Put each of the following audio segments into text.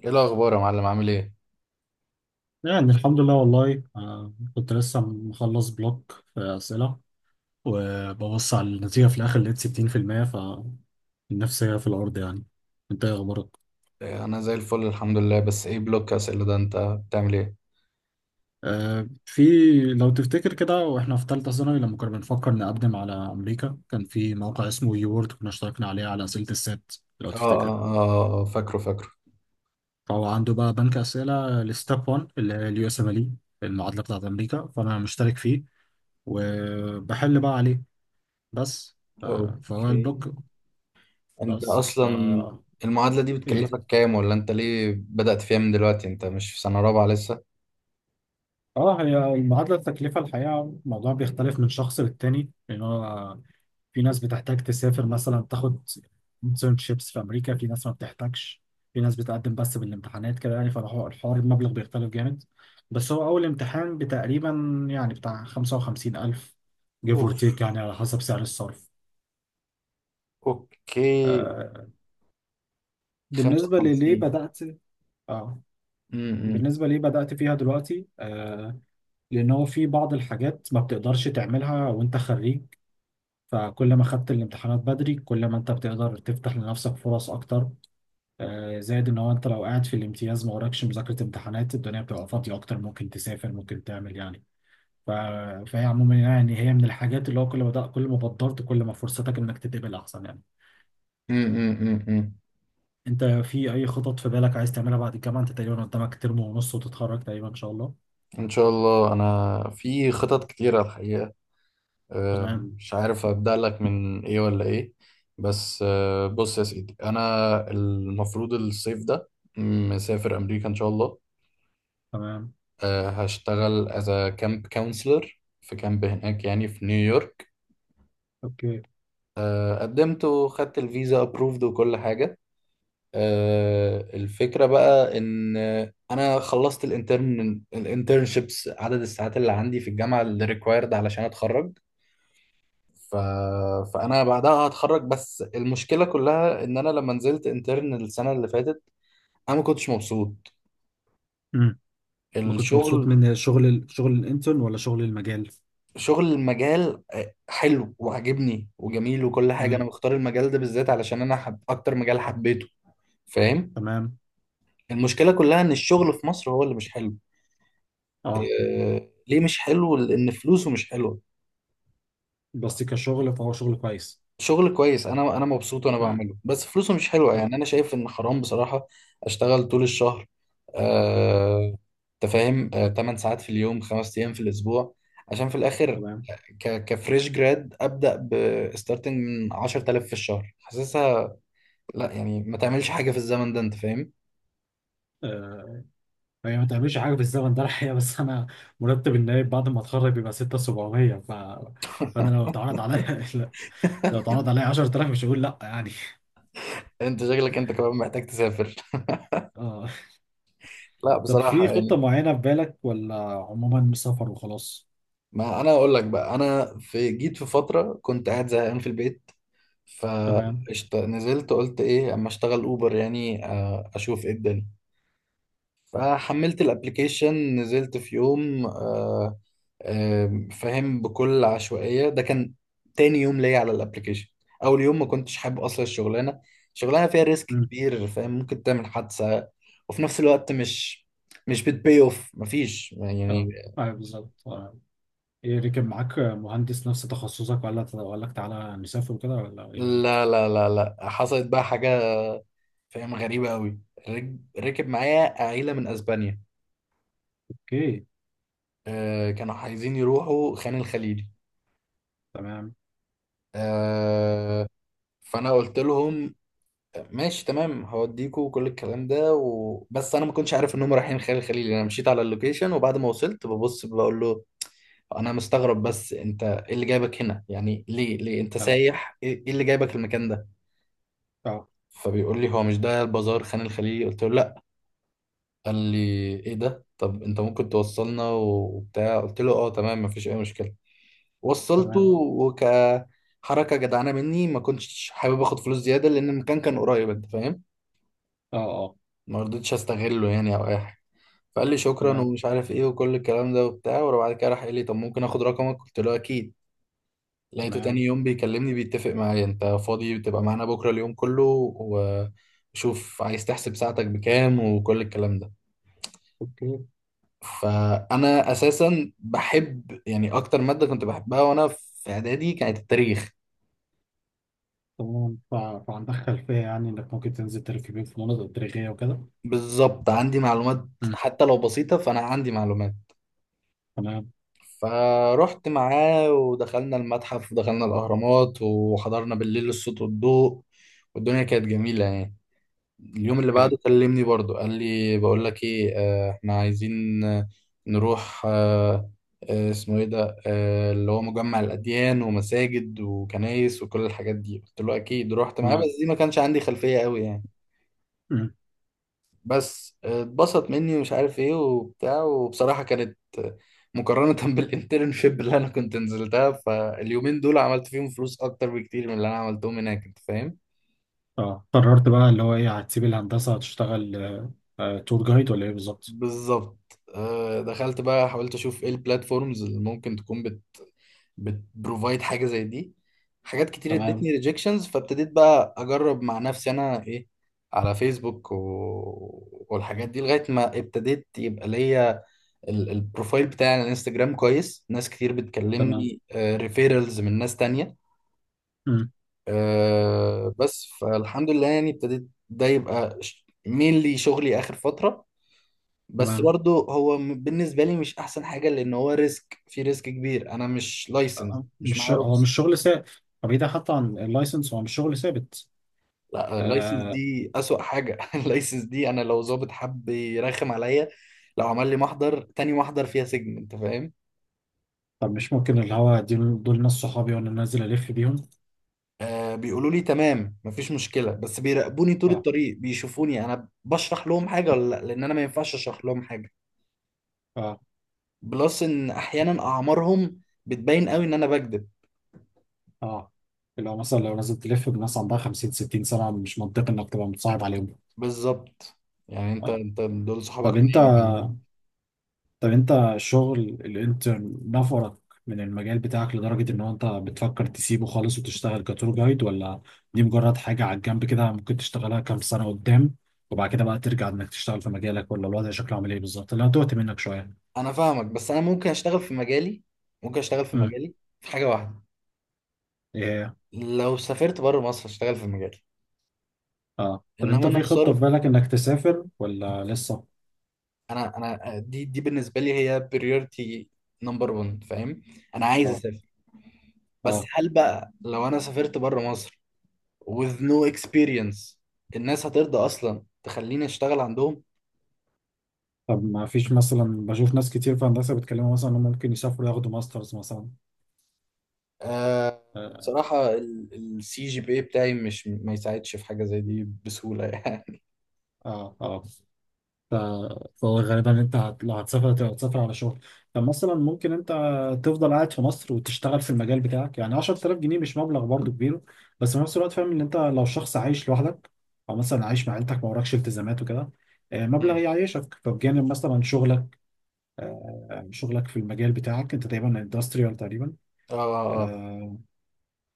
ايه الاخبار يا معلم، عامل ايه؟ يعني الحمد لله والله، كنت لسه مخلص بلوك في أسئلة، وببص على النتيجة في الآخر لقيت 60%. فالنفسية في الأرض يعني. أنت إيه أخبارك؟ إيه، انا زي الفل الحمد لله. بس ايه بلوك اسئله ده؟ انت بتعمل ايه؟ آه، في لو تفتكر كده وإحنا في تالتة ثانوي لما كنا بنفكر نقدم على أمريكا، كان في موقع اسمه يورد كنا اشتركنا عليه على أسئلة السات. لو تفتكر؟ اه آه، فاكره فاكره. فهو عنده بقى بنك أسئلة لستيب 1 اللي هي اليو اس ام ال، المعادلة بتاعت أمريكا. فأنا مشترك فيه وبحل بقى عليه. بس فهو اوكي، البلوك. انت بس اصلا المعادله دي ايه. بتكلفك كام؟ ولا انت ليه بدأت فيها من دلوقتي؟ انت مش في سنه رابعه لسه؟ اه، هي المعادله، التكلفه الحقيقه الموضوع بيختلف من شخص للتاني، لان هو في ناس بتحتاج تسافر مثلا، تاخد internships في امريكا، في ناس ما بتحتاجش، في ناس بتقدم بس بالامتحانات كده يعني. فالحوار المبلغ بيختلف جامد. بس هو اول امتحان بتقريبا يعني بتاع 55,000 give or اوف. take يعني على حسب سعر الصرف. اوكي. آه بالنسبه لليه 55. بدات اه، امم بالنسبه ليه بدات فيها دلوقتي، لان هو في بعض الحاجات ما بتقدرش تعملها وانت خريج. فكل ما خدت الامتحانات بدري، كل ما انت بتقدر تفتح لنفسك فرص اكتر. زائد ان هو انت لو قاعد في الامتياز، ما وراكش مذاكرة امتحانات، الدنيا بتبقى فاضية اكتر، ممكن تسافر ممكن تعمل يعني. ف... فهي عموما يعني هي من الحاجات اللي هو كل ما بدرت، كل ما فرصتك انك تتقبل احسن يعني. امم امم امم انت في اي خطط في بالك عايز تعملها بعد الجامعة؟ انت تقريبا قدامك ترم ونص وتتخرج تقريبا ان شاء الله. ان شاء الله، انا في خطط كتيره الحقيقه. آه، تمام. مش عارف أبدأ لك من إيه ولا إيه. بس آه، بص يا سيدي، أنا المفروض الصيف ده مسافر أمريكا إن شاء الله. تمام. آه، هشتغل as a camp counselor في كامب هناك يعني في نيويورك. اوكي. آه، قدمت وخدت الفيزا approved وكل حاجة. آه، الفكرة بقى إن أنا خلصت الانترن الانترنشيبس، عدد الساعات اللي عندي في الجامعة اللي required علشان أتخرج. ف... فانا بعدها هتخرج. بس المشكله كلها ان انا لما نزلت انترن السنه اللي فاتت انا ما كنتش مبسوط ما كنتش مبسوط الشغل. من شغل الانترن ولا شغل المجال؟ شغل المجال آه، حلو وعاجبني وجميل وكل حاجه. انا امم. مختار المجال ده بالذات علشان انا اكتر مجال حبيته. فاهم. تمام. المشكله كلها ان الشغل في مصر هو اللي مش حلو. اه. إيه، ليه مش حلو؟ لان فلوسه مش حلوه. بس كشغل فهو شغل كويس. شغل كويس، انا مبسوط وانا امم. بعمله، بس فلوسه مش حلوه تمام. يعني. انا شايف ان حرام بصراحه. اشتغل طول الشهر آه تفاهم آه 8 ساعات في اليوم 5 ايام في الاسبوع عشان في الاخر تمام. كفريش جراد ابدا. بستارتنج من 10000 في الشهر، حاسسها لا يعني ما تعملش حاجه في الزمن ده، انت فاهم. آه هي ما تعملش حاجه في الزمن ده الحقيقه، بس انا مرتب النايب بعد ما اتخرج بيبقى 6,700. فانا لو اتعرض عليا لا، لو اتعرض عليا 10,000 مش هقول لا يعني. انت شكلك انت كمان محتاج تسافر اه. لا طب في بصراحه خطه يعني. معينه في بالك، ولا عموما سفر وخلاص؟ ما انا اقول لك بقى، انا في جيت في فتره كنت قاعد زهقان في البيت تمام. فنزلت قلت ايه اما اشتغل اوبر يعني آه، اشوف ايه الدنيا. فحملت الابليكيشن، نزلت في يوم آه، آه، فاهم، بكل عشوائية. ده كان تاني يوم ليا على الابليكيشن. اول يوم ما كنتش حابب اصلا الشغلانة. شغلانة فيها ريسك امم. كبير، فاهم، ممكن تعمل حادثة. وفي نفس الوقت مش بتبي اوف، مفيش يعني. اه. ايوه بالظبط. آه. ايه، ركب معاك مهندس نفس تخصصك، ولا لك تعالى نسافر كده، ولا ايه بالظبط؟ لا لا لا لا، حصلت بقى حاجة فاهم غريبة قوي. ركب معايا عيلة من اسبانيا. اوكي. آه، كانوا عايزين يروحوا خان الخليلي. تمام. آه، فانا قلت لهم ماشي تمام، هوديكوا وكل الكلام ده بس انا ما كنتش عارف انهم رايحين خان الخليلي. انا مشيت على اللوكيشن وبعد ما وصلت ببص بقول له انا مستغرب، بس انت ايه اللي جايبك هنا يعني؟ ليه انت اه. سايح؟ ايه إيه اللي جايبك المكان ده؟ اه. فبيقول لي هو مش ده البازار خان الخليلي؟ قلت له لا. قال لي ايه ده؟ طب انت ممكن توصلنا وبتاع؟ قلت له اه تمام، مفيش اي مشكلة. وصلته، تمام. وكحركه جدعانه مني ما كنتش حابب اخد فلوس زياده لان المكان كان قريب، انت فاهم. اه. اه. ما رضيتش استغله يعني او اي حاجه. فقال لي شكرا تمام. ومش عارف ايه وكل الكلام ده وبتاع، وبعد كده راح قال لي طب ممكن اخد رقمك؟ قلت له اكيد. لقيته تاني تمام. يوم بيكلمني بيتفق معايا انت فاضي بتبقى معانا بكره اليوم كله، وشوف عايز تحسب ساعتك بكام وكل الكلام ده. اوكي. فانا اساسا بحب يعني اكتر ماده كنت بحبها وانا في اعدادي كانت التاريخ. تمام. فعندك خلفية يعني، انك ممكن تنزل تلف بيهم في مناطق تاريخية وكده. بالظبط، عندي معلومات مم. حتى لو بسيطة، فأنا عندي معلومات. تمام. فرحت معاه ودخلنا المتحف ودخلنا الأهرامات وحضرنا بالليل الصوت والضوء. والدنيا كانت جميلة يعني. اليوم اللي اوكي. بعده كلمني برضو قال لي بقول لك إيه آه، إحنا عايزين آه، نروح آه، آه، اسمه إيه ده آه، اللي هو مجمع الأديان ومساجد وكنايس وكل الحاجات دي. قلت له أكيد، رحت معاه. تمام. بس دي ما كانش عندي خلفية قوي يعني. مم. بس اتبسط مني ومش عارف ايه وبتاع. وبصراحة كانت مقارنة بالانترنشيب اللي انا كنت نزلتها، فاليومين دول عملت فيهم فلوس اكتر بكتير من اللي انا عملتهم هناك، انت فاهم. اه، قررت بقى اللي هو ايه، هتسيب الهندسة هتشتغل تور جايد ولا ايه بالظبط؟ بالظبط. آه، دخلت بقى حاولت اشوف ايه البلاتفورمز اللي ممكن تكون بتبروفايد حاجة زي دي. حاجات كتير ادتني تمام. ريجكشنز، فابتديت بقى اجرب مع نفسي انا ايه على فيسبوك والحاجات دي، لغاية ما ابتديت يبقى ليا البروفايل بتاعي على الانستجرام كويس. ناس كتير تمام. بتكلمني ريفيرالز من ناس تانية. مم. آه، بس فالحمد لله يعني، ابتديت ده يبقى مينلي شغلي آخر فترة. بس تمام. برضو هو بالنسبة لي مش أحسن حاجة لأن هو ريسك، في ريسك كبير. أنا مش لايسنس، مش مش معايا هو رخص. مش شغل ثابت. طب ايه ده حتى عن اللايسنس، هو مش شغل ثابت. لا، اللايسنس آه، دي أسوأ حاجة اللايسنس دي أنا لو ظابط حب يرخم عليا، لو عمل لي محضر تاني، محضر فيها سجن، أنت فاهم. طب مش ممكن اللي هو دول ناس صحابي وانا نازل الف بيهم. آه، بيقولوا لي تمام مفيش مشكلة بس بيراقبوني طول اه. الطريق بيشوفوني أنا بشرح لهم حاجة ولا لأ، لأن أنا ما ينفعش أشرح لهم حاجة. اه. بلس إن أحيانا أعمارهم بتبين قوي إن أنا بكذب. اه. اللي هو مثلا لو نازل تلف بناس عندها 50 60 سنه، مش منطقي انك تبقى متصاحب عليهم. بالظبط. يعني أنت اه. أنت دول صحابك طب انت منين يعني؟ طب انت الشغل الانترن نفرك من المجال بتاعك لدرجه ان هو انت بتفكر تسيبه خالص وتشتغل كتور جايد، ولا دي مجرد حاجه على الجنب كده ممكن تشتغلها كام سنه قدام، وبعد كده بقى ترجع انك تشتغل في مجالك؟ ولا الوضع شكله عامل ايه بالظبط، اللي هتوهت منك شويه؟ أنا فاهمك، بس أنا ممكن أشتغل في مجالي. ممكن أشتغل في مجالي في حاجة واحدة، امم. لو سافرت بره مصر أشتغل في مجالي. اه. طب إنما انت أنا في خطة في الصرف، بالك انك تسافر ولا لسه؟ أنا آه، دي بالنسبة لي هي بريورتي نمبر 1، فاهم. أنا عايز اه. أسافر. بس اه. هل بقى لو انا سافرت بره مصر with no experience الناس هترضى اصلا تخليني اشتغل عندهم؟ طب ما فيش، مثلا بشوف ناس كتير في هندسة بيتكلموا مثلا انهم ممكن يسافروا ياخدوا ماسترز مثلا. آه، اه. بصراحة السي جي بي بتاعي مش ما يساعدش في حاجة زي دي بسهولة يعني. اه. آه. ف- فهو غالبا انت لو هتسافر هتسافر على شغل. طب مثلا ممكن انت تفضل قاعد في مصر وتشتغل في المجال بتاعك، يعني 10,000 جنيه مش مبلغ برضه كبير. بس في نفس الوقت فاهم ان انت لو شخص عايش لوحدك، او مثلا عايش مع عيلتك ما وراكش التزامات وكده، مبلغ مم. يعيشك فبجانب مثلا شغلك. آه، يعني شغلك في المجال بتاعك، انت تقريبا اندستريال تقريبا. اه اه آه،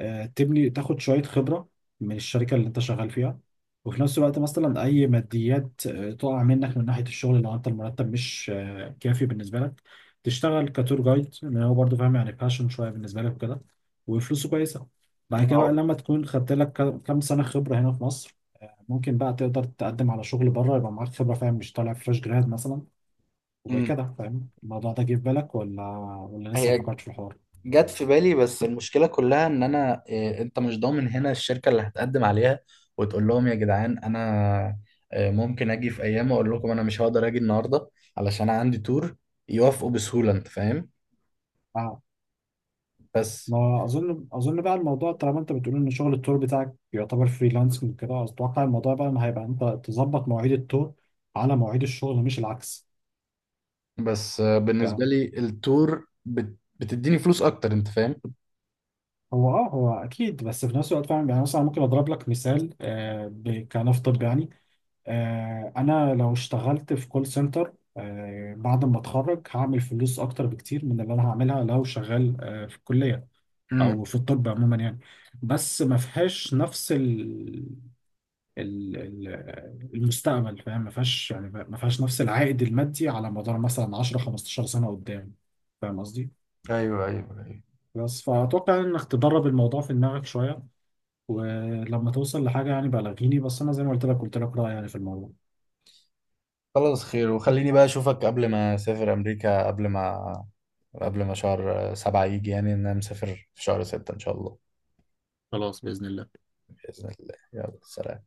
تبني تاخد شوية خبرة من الشركة اللي انت شغال فيها، وفي نفس الوقت مثلا اي ماديات تقع منك من ناحية الشغل، لو انت المرتب مش كافي بالنسبة لك، تشتغل كتور جايد، لان هو برضه فاهم يعني باشن شوية بالنسبة لك وكده، وفلوسه كويسة. بعد كده بقى آه. لما تكون خدت لك كام سنة خبرة هنا في مصر، ممكن بقى تقدر تقدم على شغل بره، يبقى معاك خبرة فاهم، مش طالع فريش جراد مثلا مم. وكده فاهم. الموضوع ده جه في بالك، ولا ولا لسه ما هي فكرتش في الحوار؟ جت في بالي، بس المشكلة كلها ان انا آه، انت مش ضامن هنا الشركة اللي هتقدم عليها وتقول لهم يا جدعان انا آه، ممكن اجي في ايام اقول لكم انا مش هقدر اجي النهاردة علشان أنا عندي تور، يوافقوا بسهولة انت فاهم. اه. بس ما اظن بقى الموضوع، طالما انت بتقول ان شغل التور بتاعك يعتبر فريلانسنج كده، اتوقع الموضوع بقى ان هيبقى انت تظبط مواعيد التور على مواعيد الشغل مش العكس. بس آه، بالنسبة فاهم. لي التور بتديني فلوس اكتر انت فاهم. هو اكيد، بس في نفس الوقت فاهم يعني، مثلا ممكن اضرب لك مثال. كنفترض يعني، انا لو اشتغلت في كول سنتر بعد ما اتخرج هعمل فلوس اكتر بكتير من اللي انا هعملها لو شغال في الكليه او امم. في الطب عموما يعني. بس ما فيهاش نفس المستقبل فاهم، ما فيهاش يعني ما فيهاش نفس العائد المادي على مدار مثلا 10 15 سنة قدام. فاهم قصدي؟ ايوه ايوه ايوه. بس فأتوقع إنك تدرب الموضوع في دماغك شوية، ولما توصل لحاجة يعني بلغيني. بس أنا زي ما قلت لك، رأيي يعني في الموضوع. خلاص، خير، وخليني بقى اشوفك قبل ما اسافر امريكا، قبل ما شهر سبعة يجي، يعني ان انا مسافر في شهر ستة ان شاء الله، بإذن الله. يلا سلام.